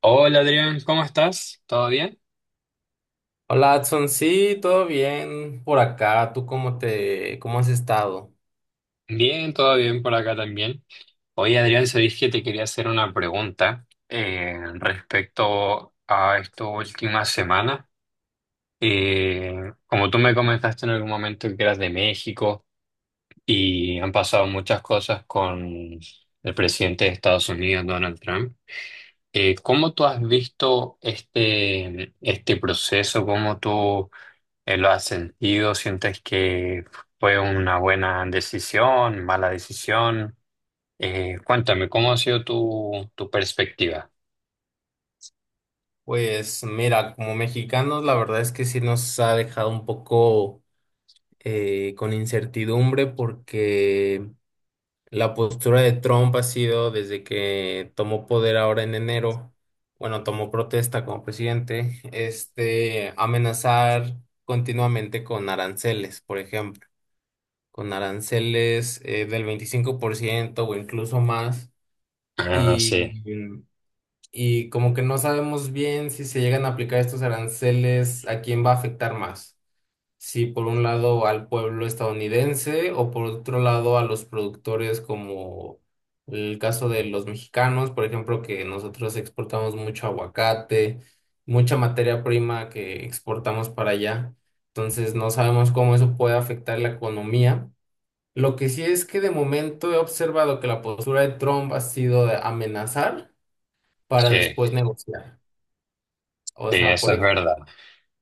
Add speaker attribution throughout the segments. Speaker 1: Hola Adrián, ¿cómo estás? ¿Todo bien?
Speaker 2: Hola, Adson, sí, todo bien por acá. ¿Tú cómo cómo has estado?
Speaker 1: Bien, todo bien por acá también. Oye Adrián, sabés que te quería hacer una pregunta respecto a esta última semana. Eh, Como tú me comentaste en algún momento que eras de México y han pasado muchas cosas con el presidente de Estados Unidos, Donald Trump, ¿cómo tú has visto este proceso? ¿Cómo tú... ¿lo has sentido? ¿Sientes que fue una buena decisión, mala decisión? Cuéntame, ¿cómo ha sido tu perspectiva?
Speaker 2: Pues mira, como mexicanos, la verdad es que sí nos ha dejado un poco con incertidumbre porque la postura de Trump ha sido desde que tomó poder ahora en enero. Bueno, tomó protesta como presidente, amenazar continuamente con aranceles, por ejemplo, con aranceles del 25% o incluso más
Speaker 1: Ah, sí,
Speaker 2: y, y como que no sabemos bien si se llegan a aplicar estos aranceles. ¿A quién va a afectar más? Si por un lado al pueblo estadounidense o por otro lado a los productores como el caso de los mexicanos, por ejemplo, que nosotros exportamos mucho aguacate, mucha materia prima que exportamos para allá. Entonces no sabemos cómo eso puede afectar la economía. Lo que sí es que de momento he observado que la postura de Trump ha sido de amenazar para
Speaker 1: sí,
Speaker 2: después negociar. O
Speaker 1: sí,
Speaker 2: sea,
Speaker 1: eso
Speaker 2: por
Speaker 1: es
Speaker 2: ejemplo,
Speaker 1: verdad.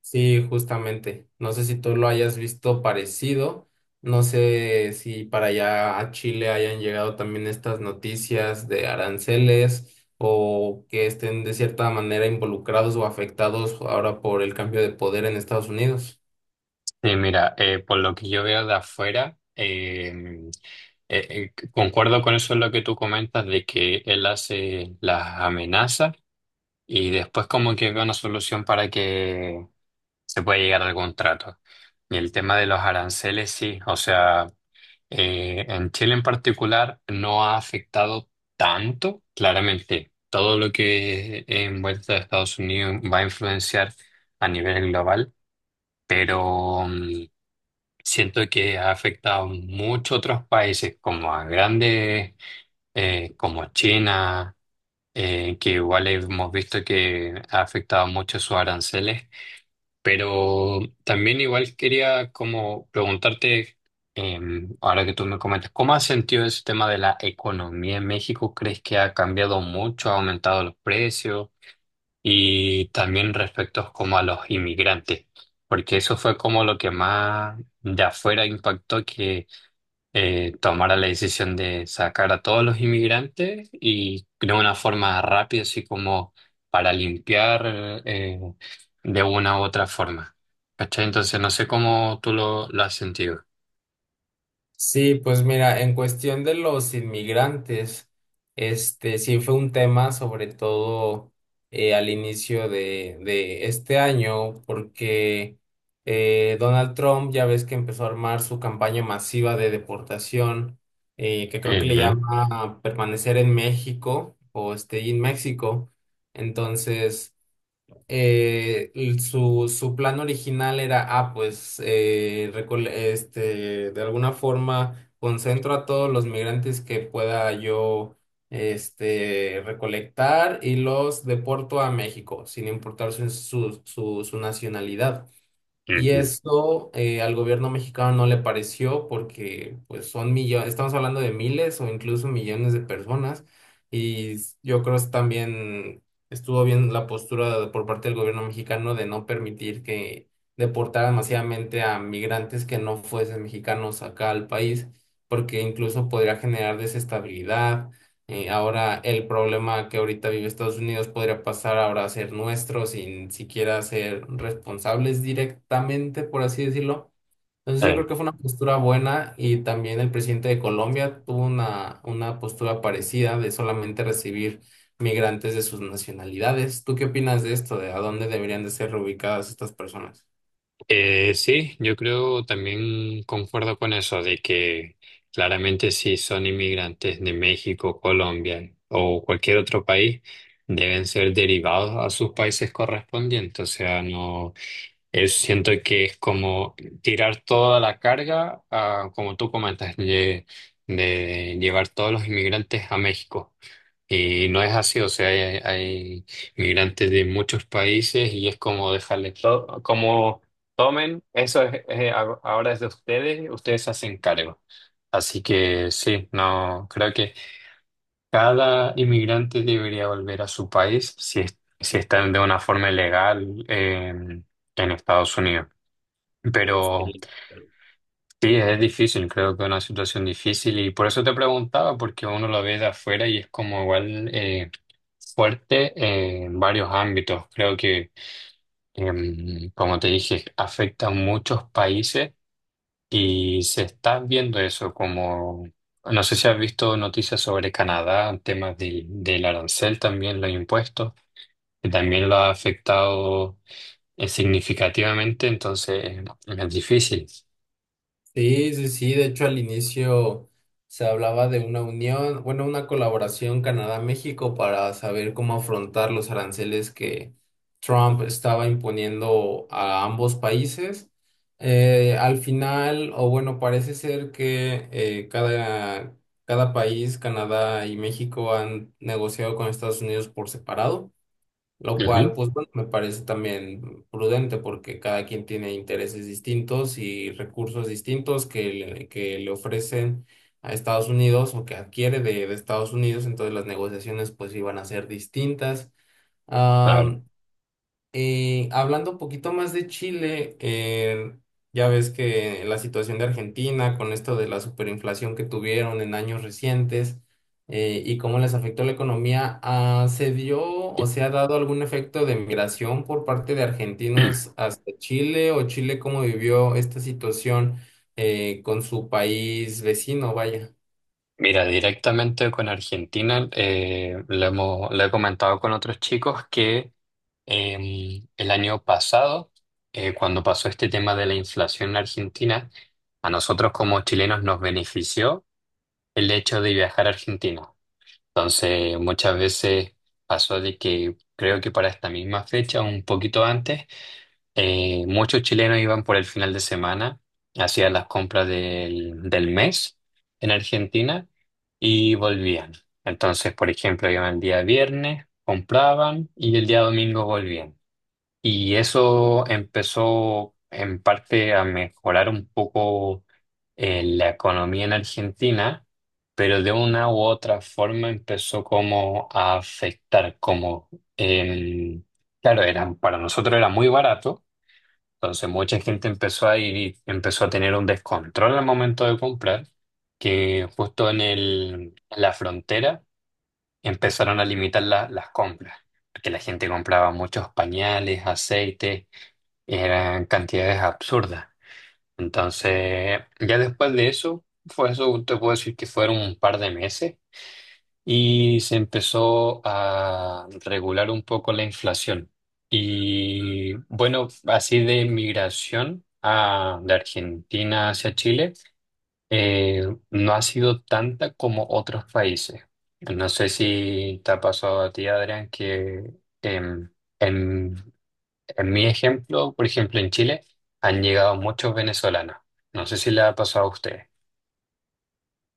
Speaker 2: sí, justamente. No sé si tú lo hayas visto parecido. No sé si para allá a Chile hayan llegado también estas noticias de aranceles o que estén de cierta manera involucrados o afectados ahora por el cambio de poder en Estados Unidos.
Speaker 1: Sí, mira, por lo que yo veo de afuera, concuerdo con eso en lo que tú comentas de que él hace las amenazas y después como que ve una solución para que se pueda llegar al contrato. Y el tema de los aranceles, sí, o sea... en Chile en particular no ha afectado tanto. Claramente, todo lo que envuelta a Estados Unidos va a influenciar a nivel global, pero siento que ha afectado mucho a otros países como a grandes, como China, que igual hemos visto que ha afectado mucho sus aranceles. Pero también igual quería como preguntarte, eh, ahora que tú me comentas, ¿cómo has sentido ese tema de la economía en México? ¿Crees que ha cambiado mucho, ha aumentado los precios? Y también respecto como a los inmigrantes, porque eso fue como lo que más de afuera impactó, que tomara la decisión de sacar a todos los inmigrantes y de una forma rápida, así como para limpiar de una u otra forma. ¿Cachai? Entonces, no sé cómo tú lo has sentido.
Speaker 2: Sí, pues mira, en cuestión de los inmigrantes, este sí fue un tema, sobre todo al inicio de este año, porque Donald Trump ya ves que empezó a armar su campaña masiva de deportación, que creo que le Sí.
Speaker 1: Ujú,
Speaker 2: llama permanecer en México o stay in México. Entonces, su, su plan original era, ah, pues, de alguna forma concentro a todos los migrantes que pueda yo, este, recolectar y los deporto a México, sin importar su nacionalidad. Y
Speaker 1: ujú.
Speaker 2: esto al gobierno mexicano no le pareció porque pues son millones, estamos hablando de miles o incluso millones de personas yo creo que también estuvo bien la postura de- por parte del gobierno mexicano de no permitir que deportaran masivamente a migrantes que no fuesen mexicanos acá al país porque incluso podría generar desestabilidad ahora el problema que ahorita vive Estados Unidos podría pasar ahora a ser nuestro sin siquiera ser responsables directamente, por así decirlo. Entonces yo creo
Speaker 1: Eh,
Speaker 2: que fue una postura buena y también el presidente de Colombia tuvo una postura parecida de solamente recibir migrantes de sus nacionalidades. ¿Tú qué opinas de esto? ¿De a dónde deberían de ser reubicadas estas personas?
Speaker 1: sí, yo creo también concuerdo con eso, de que claramente si son inmigrantes de México, Colombia o cualquier otro país, deben ser derivados a sus países correspondientes. O sea, no, yo siento que es como tirar toda la carga, a, como tú comentas, de llevar todos los inmigrantes a México. Y no es así, o sea, hay inmigrantes de muchos países y es como dejarle todo, como tomen, es- ahora es de ustedes, ustedes se hacen cargo. Así que sí, no, creo que cada inmigrante debería volver a su país si, es- si están de una forma legal en Estados Unidos. Pero
Speaker 2: Sí.
Speaker 1: sí, es difícil, creo que es una situación difícil y por eso te preguntaba, porque uno lo ve de afuera y es como igual fuerte en varios ámbitos. Creo que, como te dije, afecta a muchos países y se está viendo eso como, no sé si has visto noticias sobre Canadá, temas del arancel también, los impuestos, que también lo ha afectado significativamente, entonces es difícil.
Speaker 2: Sí, sí, sí. De hecho, al inicio se hablaba de una unión, bueno, una colaboración Canadá-México para saber cómo afrontar los aranceles que Trump estaba imponiendo a ambos países. Al final, o bueno, parece ser que cada país, Canadá y México, han negociado con Estados Unidos por separado. Lo cual,
Speaker 1: Ujú.
Speaker 2: pues bueno, me parece también prudente porque cada quien tiene intereses distintos y recursos distintos que le ofrecen a Estados Unidos o que adquiere de Estados Unidos, entonces las negociaciones pues iban a ser distintas.
Speaker 1: A ver.
Speaker 2: Y hablando un poquito más de Chile, ya ves que la situación de Argentina con esto de la superinflación que tuvieron en años recientes y cómo les afectó la economía, ah, ¿se dio o se ha dado algún efecto de migración por parte de argentinos hacia Chile o Chile cómo vivió esta situación con su país vecino? Vaya.
Speaker 1: Mira, directamente con Argentina, lo hemos, lo he comentado con otros chicos que el año pasado, cuando pasó este tema de la inflación en Argentina, a nosotros como chilenos nos benefició el hecho de viajar a Argentina. Entonces, muchas veces pasó de que creo que para esta misma fecha, un poquito antes, muchos chilenos iban por el final de semana, hacían las compras del mes en Argentina y volvían. Entonces, por ejemplo, iban el día viernes, compraban y el día domingo volvían. Y eso empezó en parte a mejorar un poco la economía en Argentina, pero de una u otra forma empezó como a afectar, como, em, claro, eran, para nosotros era muy barato, entonces mucha gente empezó a ir y empezó a tener un descontrol al momento de comprar, que justo en el, en la frontera empezaron a limitar la- las compras, porque la gente compraba muchos pañales, aceites, eran cantidades absurdas. Entonces ya después de eso, fue eso, te puedo decir que fueron un par de meses y se empezó a regular un poco la inflación. Y bueno, así de migración a, de Argentina hacia Chile, no ha sido tanta como otros países. No sé si te ha pasado a ti, Adrián, que em, en, en mi ejemplo, por ejemplo, en Chile han llegado muchos venezolanos. No sé si le ha pasado a usted.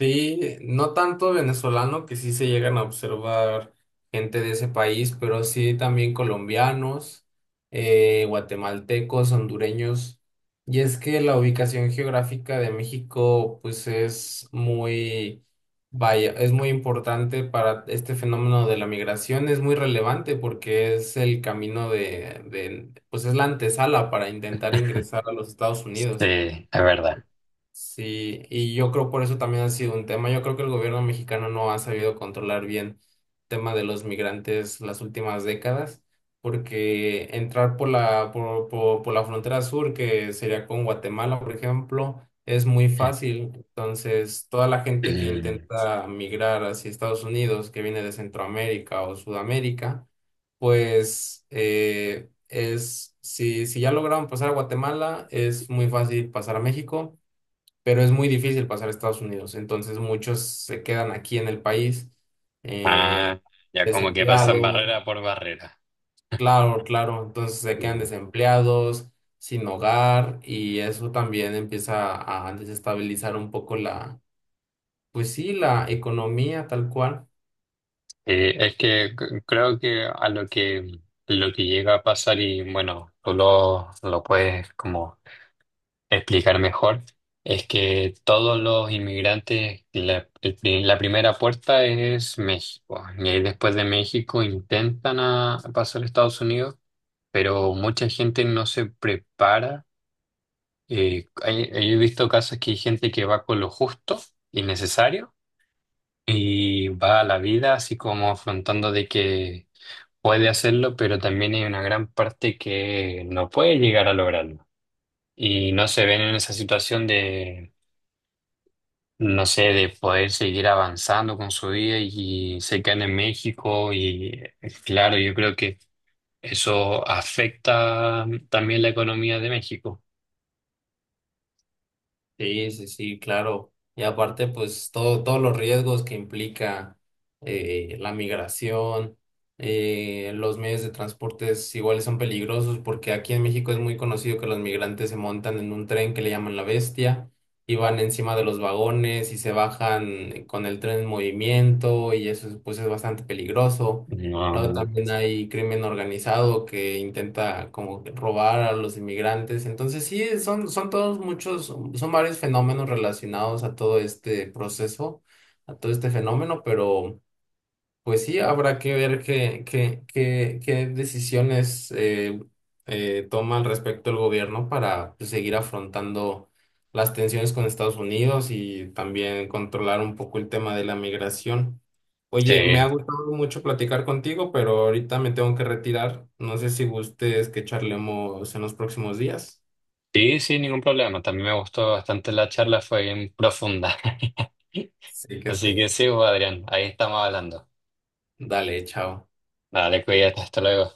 Speaker 2: Sí, no tanto venezolano, que sí se llegan a observar gente de ese país, pero sí también colombianos, guatemaltecos, hondureños. Y es que la ubicación geográfica de México, pues es muy, vaya, es muy importante para este fenómeno de la migración, es muy relevante porque es el camino pues es la antesala para intentar ingresar a los Estados Unidos.
Speaker 1: Sí, es verdad.
Speaker 2: Sí, y yo creo por eso también ha sido un tema. Yo creo que el gobierno mexicano no ha sabido controlar bien el tema de los migrantes las últimas décadas, porque entrar por por la frontera sur, que sería con Guatemala, por ejemplo, es muy fácil. Entonces, toda la gente que intenta migrar hacia Estados Unidos, que viene de Centroamérica o Sudamérica, pues es, si, si ya lograron pasar a Guatemala, es muy fácil pasar a México, pero es muy difícil pasar a Estados Unidos. Entonces muchos se quedan aquí en el país, eh,
Speaker 1: Ah, ya como que pasan
Speaker 2: desempleados,
Speaker 1: barrera por barrera.
Speaker 2: claro, claro, entonces se quedan
Speaker 1: Mm.
Speaker 2: desempleados, sin hogar y eso también empieza a desestabilizar un poco la, pues sí, la economía tal cual.
Speaker 1: Es que c- creo que a lo que llega a pasar, y bueno, tú lo puedes como explicar mejor, es que todos los inmigrantes, la, el pri- la primera puerta es México, y ahí después de México intentan a- pasar a Estados Unidos, pero mucha gente no se prepara. Hay- he visto casos que hay gente que va con lo justo y necesario y va a la vida así como afrontando de que puede hacerlo, pero también hay una gran parte que no puede llegar a lograrlo. Y no se ven en esa situación de, no sé, de poder seguir avanzando con su vida y se quedan en México y claro, yo creo que eso afecta también la economía de México.
Speaker 2: Sí, sí, sí, claro. Y aparte, pues todo, todos los riesgos que implica la migración, los medios de transporte iguales son peligrosos porque aquí en México es muy conocido que los migrantes se montan en un tren que le llaman la bestia y van encima de los vagones y se bajan con el tren en movimiento y eso es, pues es bastante peligroso. Luego
Speaker 1: No,
Speaker 2: también hay crimen organizado que intenta como que robar a los inmigrantes. Entonces sí, son todos muchos, son varios fenómenos relacionados a todo este proceso, a todo este fenómeno, pero... Pues sí, habrá que ver qué decisiones toma al respecto el gobierno para pues, seguir afrontando las tensiones con Estados Unidos y también controlar un poco el tema de la migración. Oye, me ha
Speaker 1: sí,
Speaker 2: gustado mucho platicar contigo, pero ahorita me tengo que retirar. No sé si gustes que charlemos en los próximos días.
Speaker 1: sí, sin ningún problema. También me gustó bastante la charla, fue bien profunda.
Speaker 2: Sí que
Speaker 1: Así que
Speaker 2: sí.
Speaker 1: sí, pues, Adrián, ahí estamos hablando.
Speaker 2: Dale, chao.
Speaker 1: Dale, cuídate, hasta luego.